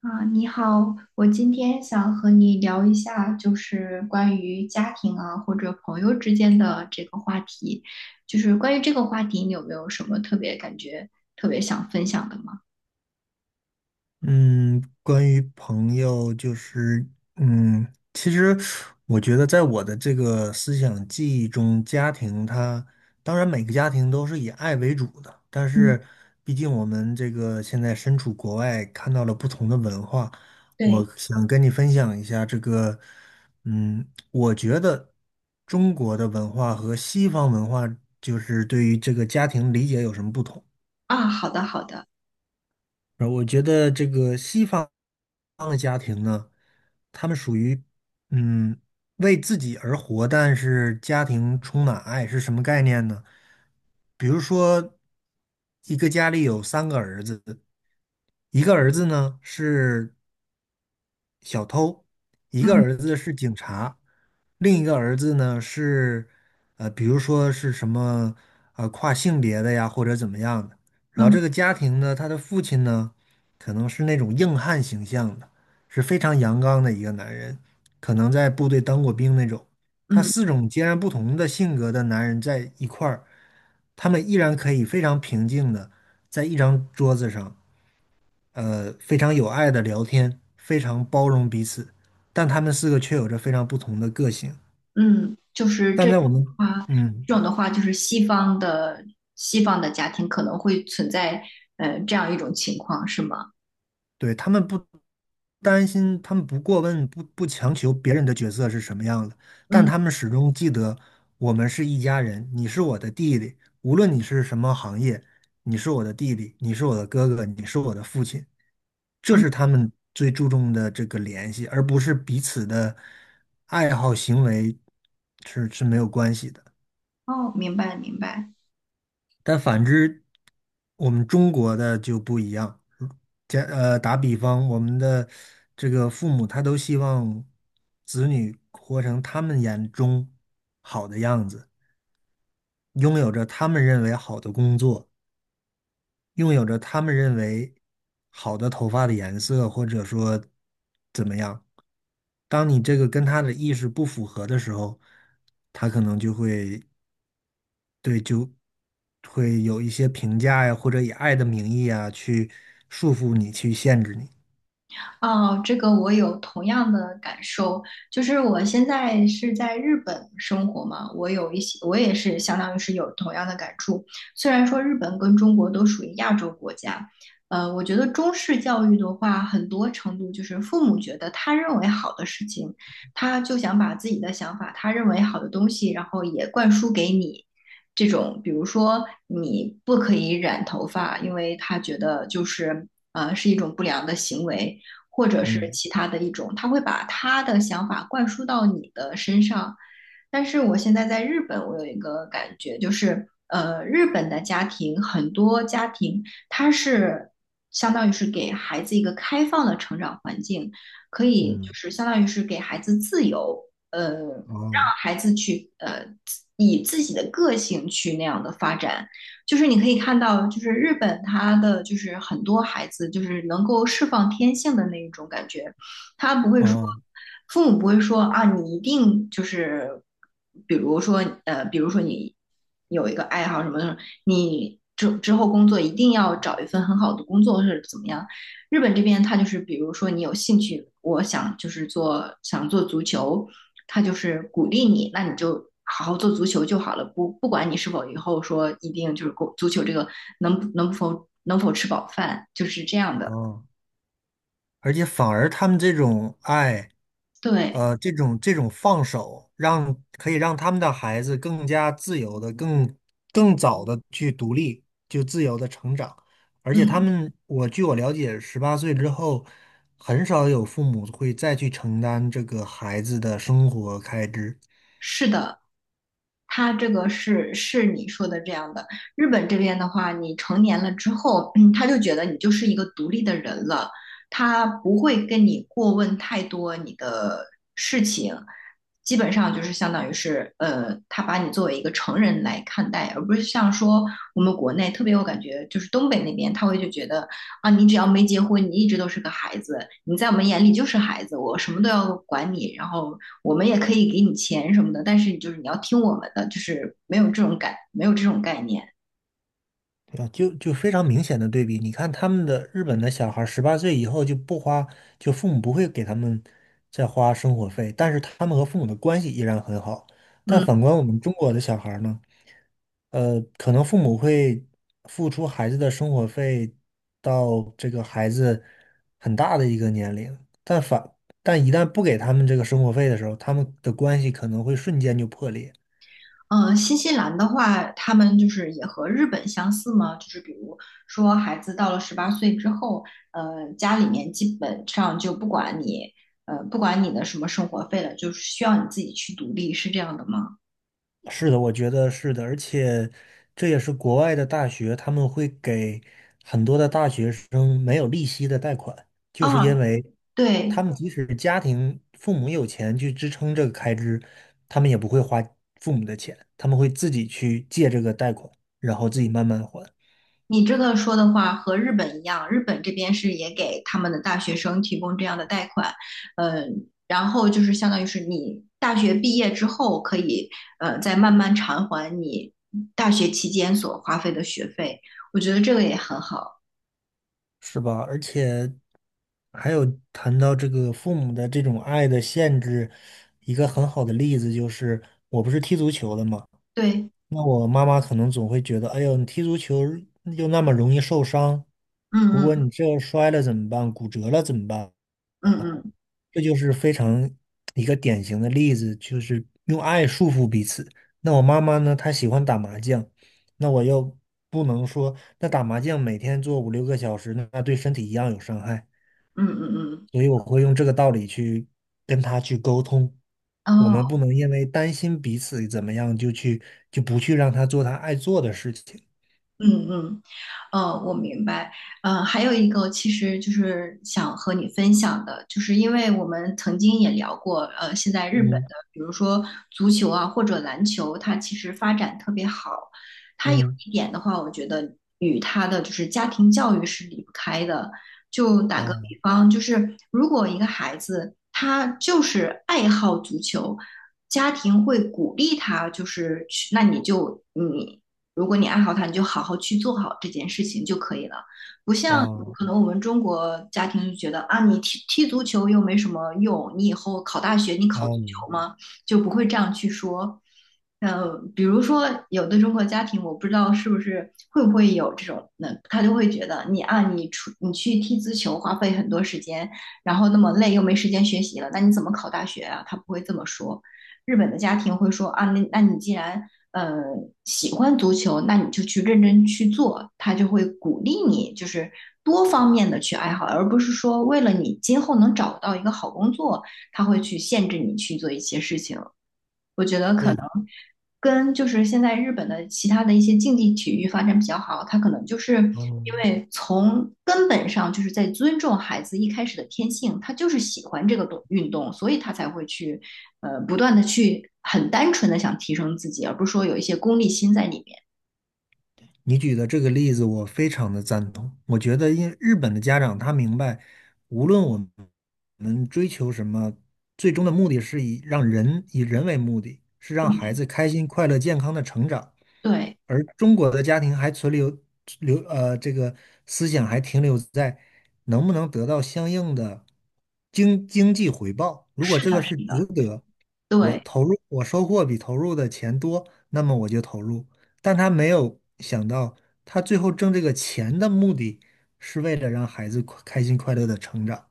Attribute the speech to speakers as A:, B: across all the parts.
A: 啊，你好，我今天想和你聊一下，就是关于家庭啊或者朋友之间的这个话题。就是关于这个话题，你有没有什么特别感觉、特别想分享的吗？
B: 嗯，关于朋友，就是其实我觉得在我的这个思想记忆中，家庭它当然每个家庭都是以爱为主的，但
A: 嗯，
B: 是毕竟我们这个现在身处国外，看到了不同的文化，
A: 对，
B: 我想跟你分享一下这个，嗯，我觉得中国的文化和西方文化就是对于这个家庭理解有什么不同。
A: 啊，好的，好的，
B: 然后我觉得这个西方的家庭呢，他们属于嗯为自己而活，但是家庭充满爱是什么概念呢？比如说，一个家里有3个儿子，一个儿子呢是小偷，一个
A: 嗯
B: 儿子是警察，另一个儿子呢是，比如说是什么，跨性别的呀，或者怎么样的。然后这
A: 嗯
B: 个家庭呢，他的父亲呢，可能是那种硬汉形象的，是非常阳刚的一个男人，可能在部队当过兵那种。他
A: 嗯
B: 4种截然不同的性格的男人在一块儿，他们依然可以非常平静的在一张桌子上。非常有爱的聊天，非常包容彼此，但他们4个却有着非常不同的个性。
A: 嗯，就是
B: 但
A: 这种
B: 在我们，
A: 的话，
B: 嗯，
A: 的话就是西方的家庭可能会存在这样一种情况，是吗？
B: 对，他们不担心，他们不过问，不强求别人的角色是什么样的，但
A: 嗯
B: 他们始终记得我们是一家人，你是我的弟弟，无论你是什么行业，你是我的弟弟，你是我的哥哥，你是我的父亲，这
A: 嗯，
B: 是他们最注重的这个联系，而不是彼此的爱好行为是没有关系的。
A: 哦，明白明白。
B: 但反之，我们中国的就不一样。打比方，我们的这个父母他都希望子女活成他们眼中好的样子，拥有着他们认为好的工作，拥有着他们认为好的头发的颜色，或者说怎么样。当你这个跟他的意识不符合的时候，他可能就会有一些评价呀，或者以爱的名义啊，去束缚你，去限制你。
A: 哦，这个我有同样的感受，就是我现在是在日本生活嘛，我有一些，我也是相当于是有同样的感触。虽然说日本跟中国都属于亚洲国家，我觉得中式教育的话，很多程度就是父母觉得他认为好的事情，他就想把自己的想法，他认为好的东西，然后也灌输给你。这种，比如说你不可以染头发，因为他觉得就是是一种不良的行为。或者是
B: 嗯
A: 其他的一种，他会把他的想法灌输到你的身上，但是我现在在日本，我有一个感觉，日本的家庭很多家庭，它是相当于是给孩子一个开放的成长环境，可以就
B: 嗯，
A: 是相当于是给孩子自由，呃，让
B: 哦
A: 孩子去自己的个性去那样的发展。就是你可以看到，就是日本它的就是很多孩子就是能够释放天性的那一种感觉。他不会说，
B: 哦
A: 父母不会说啊，你一定就是，比如说比如说你有一个爱好什么的，你之后工作一定要找一份很好的工作或者怎么样。日本这边他就是，比如说你有兴趣，我想就是想做足球，他就是鼓励你，那你就。好好做足球就好了，不管你是否以后说一定就是足球这个能否吃饱饭，就是这样的。
B: 哦。而且反而他们这种爱，
A: 对，
B: 呃，这种放手，让可以让他们的孩子更加自由的、更早的去独立，就自由的成长。而且他
A: 嗯，
B: 们，我据我了解，十八岁之后，很少有父母会再去承担这个孩子的生活开支。
A: 是的，他这个是你说的这样的。日本这边的话，你成年了之后，嗯，他就觉得你就是一个独立的人了，他不会跟你过问太多你的事情，基本上就是相当于是，他把你作为一个成人来看待，而不是像说我们国内特别，有感觉就是东北那边他会就觉得啊，你只要没结婚，你一直都是个孩子，你在我们眼里就是孩子，我什么都要管你，然后我们也可以给你钱什么的，但是就是你要听我们的，就是没有这种感，没有这种概念，
B: 对啊，就非常明显的对比。你看他们的日本的小孩，十八岁以后就不花，就父母不会给他们再花生活费，但是他们和父母的关系依然很好。但
A: 嗯。
B: 反观我们中国的小孩儿呢，呃，可能父母会付出孩子的生活费到这个孩子很大的一个年龄，但反但一旦不给他们这个生活费的时候，他们的关系可能会瞬间就破裂。
A: 嗯，新西兰的话，他们就是也和日本相似吗？就是比如说，孩子到了18岁之后，家里面基本上就不管你，不管你的什么生活费了，就是需要你自己去独立，是这样的吗？
B: 是的，我觉得是的，而且这也是国外的大学，他们会给很多的大学生没有利息的贷款，就是因
A: 啊，
B: 为他
A: 对，
B: 们即使家庭父母有钱去支撑这个开支，他们也不会花父母的钱，他们会自己去借这个贷款，然后自己慢慢还，
A: 你这个说的话和日本一样，日本这边是也给他们的大学生提供这样的贷款，嗯，然后就是相当于是你大学毕业之后可以，再慢慢偿还你大学期间所花费的学费，我觉得这个也很好。
B: 是吧？而且还有谈到这个父母的这种爱的限制，一个很好的例子就是，我不是踢足球的嘛。
A: 对，
B: 那我妈妈可能总会觉得，哎呦，你踢足球又那么容易受伤，如
A: 嗯
B: 果
A: 嗯
B: 你这摔了怎么办？骨折了怎么办？
A: 嗯嗯
B: 这就是非常一个典型的例子，就是用爱束缚彼此。那我妈妈呢，她喜欢打麻将，那我又不能说，那打麻将每天做五六个小时，那对身体一样有伤害，
A: 嗯嗯
B: 所以我会用这个道理去跟她去沟通。我
A: 嗯，哦。
B: 们不能因为担心彼此怎么样，就去就不去让她做她爱做的事情。
A: 嗯嗯，我明白。还有一个，其实就是想和你分享的，就是因为我们曾经也聊过，现在日本的，
B: 嗯
A: 比如说足球啊或者篮球，它其实发展特别好。
B: 嗯，
A: 一点的话，我觉得与他的就是家庭教育是离不开的。就打个比
B: 哦
A: 方，就是如果一个孩子他就是爱好足球，家庭会鼓励他，就是去，那你就你如果你爱好他，你就好好去做好这件事情就可以了。不像
B: 哦
A: 可能我们中国家庭就觉得啊，你踢足球又没什么用，你以后考大学你考足
B: 哦，嗯
A: 球吗？就不会这样去说。比如说有的中国家庭，我不知道是不是会不会有这种，那他就会觉得你啊，你去踢足球花费很多时间，然后那么累又没时间学习了，那你怎么考大学啊？他不会这么说。日本的家庭会说啊，那你既然呃喜欢足球，那你就去认真去做，他就会鼓励你，就是多方面的去爱好，而不是说为了你今后能找到一个好工作，他会去限制你去做一些事情。我觉
B: 对，
A: 跟就是现在日本的其他的一些竞技体育发展比较好，他可能就是因
B: 嗯。
A: 为从根本上就是在尊重孩子一开始的天性，他就是喜欢这个运动，所以他才会去不断的去很单纯的想提升自己，而不是说有一些功利心在里面。
B: 你举的这个例子，我非常的赞同。我觉得，因日本的家长他明白，无论我们追求什么，最终的目的是以让人以人为目的，是让孩
A: 嗯
B: 子开心、快乐、健康的成长。
A: 对，
B: 而中国的家庭还存留，这个思想还停留在能不能得到相应的经济回报。如果
A: 是
B: 这个
A: 的，
B: 是
A: 是的，
B: 值得，我
A: 对。
B: 投入我收获比投入的钱多，那么我就投入；但他没有想到，他最后挣这个钱的目的是为了让孩子快开心快乐的成长。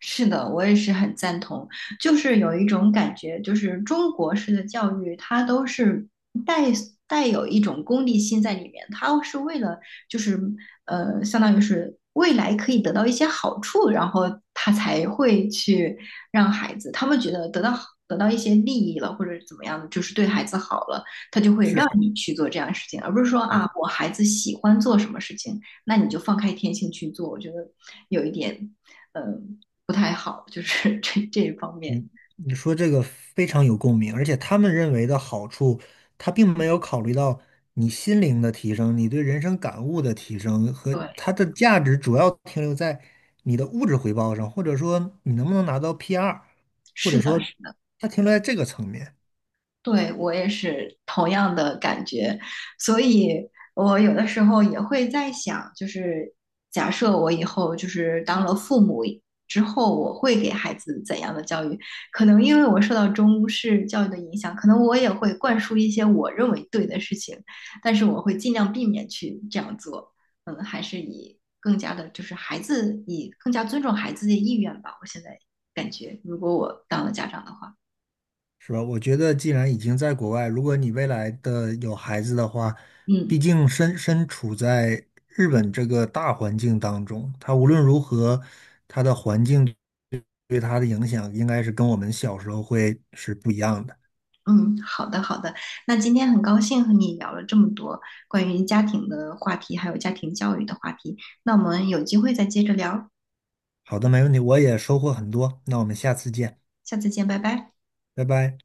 A: 是的，我也是很赞同。就是有一种感觉，就是中国式的教育，它都是带带有一种功利心在里面，它是为了就是相当于是未来可以得到一些好处，然后他才会去让孩子，他们觉得得到一些利益了，或者怎么样，的，就是对孩子好了，他就会让
B: 是，
A: 你去做这样的事情，而不是说
B: 也
A: 啊，我孩子喜欢做什么事情，那你就放开天性去做。我觉得有一点，嗯、不太好，就是 这一方面。
B: 嗯，你说这个非常有共鸣，而且他们认为的好处，他并没有考虑到你心灵的提升、你对人生感悟的提升和
A: 对，
B: 它的价值主要停留在你的物质回报上，或者说你能不能拿到 P2，或
A: 是
B: 者
A: 的，
B: 说它停留在这个层面。
A: 对，我也是同样的感觉，所以我有的时候也会在想，就是假设我以后就是当了父母之后，我会给孩子怎样的教育？可能因为我受到中式教育的影响，可能我也会灌输一些我认为对的事情，但是我会尽量避免去这样做。嗯，还是以更加的，就是以更加尊重孩子的意愿吧。我现在感觉，如果我当了家长的话，
B: 是吧？我觉得既然已经在国外，如果你未来的有孩子的话，
A: 嗯。
B: 毕竟身处在日本这个大环境当中，他无论如何，他的环境对他的影响应该是跟我们小时候会是不一样的。
A: 嗯，好的好的。那今天很高兴和你聊了这么多关于家庭的话题，还有家庭教育的话题。那我们有机会再接着聊，
B: 好的，没问题，我也收获很多，那我们下次见，
A: 下次见，拜拜。
B: 拜拜。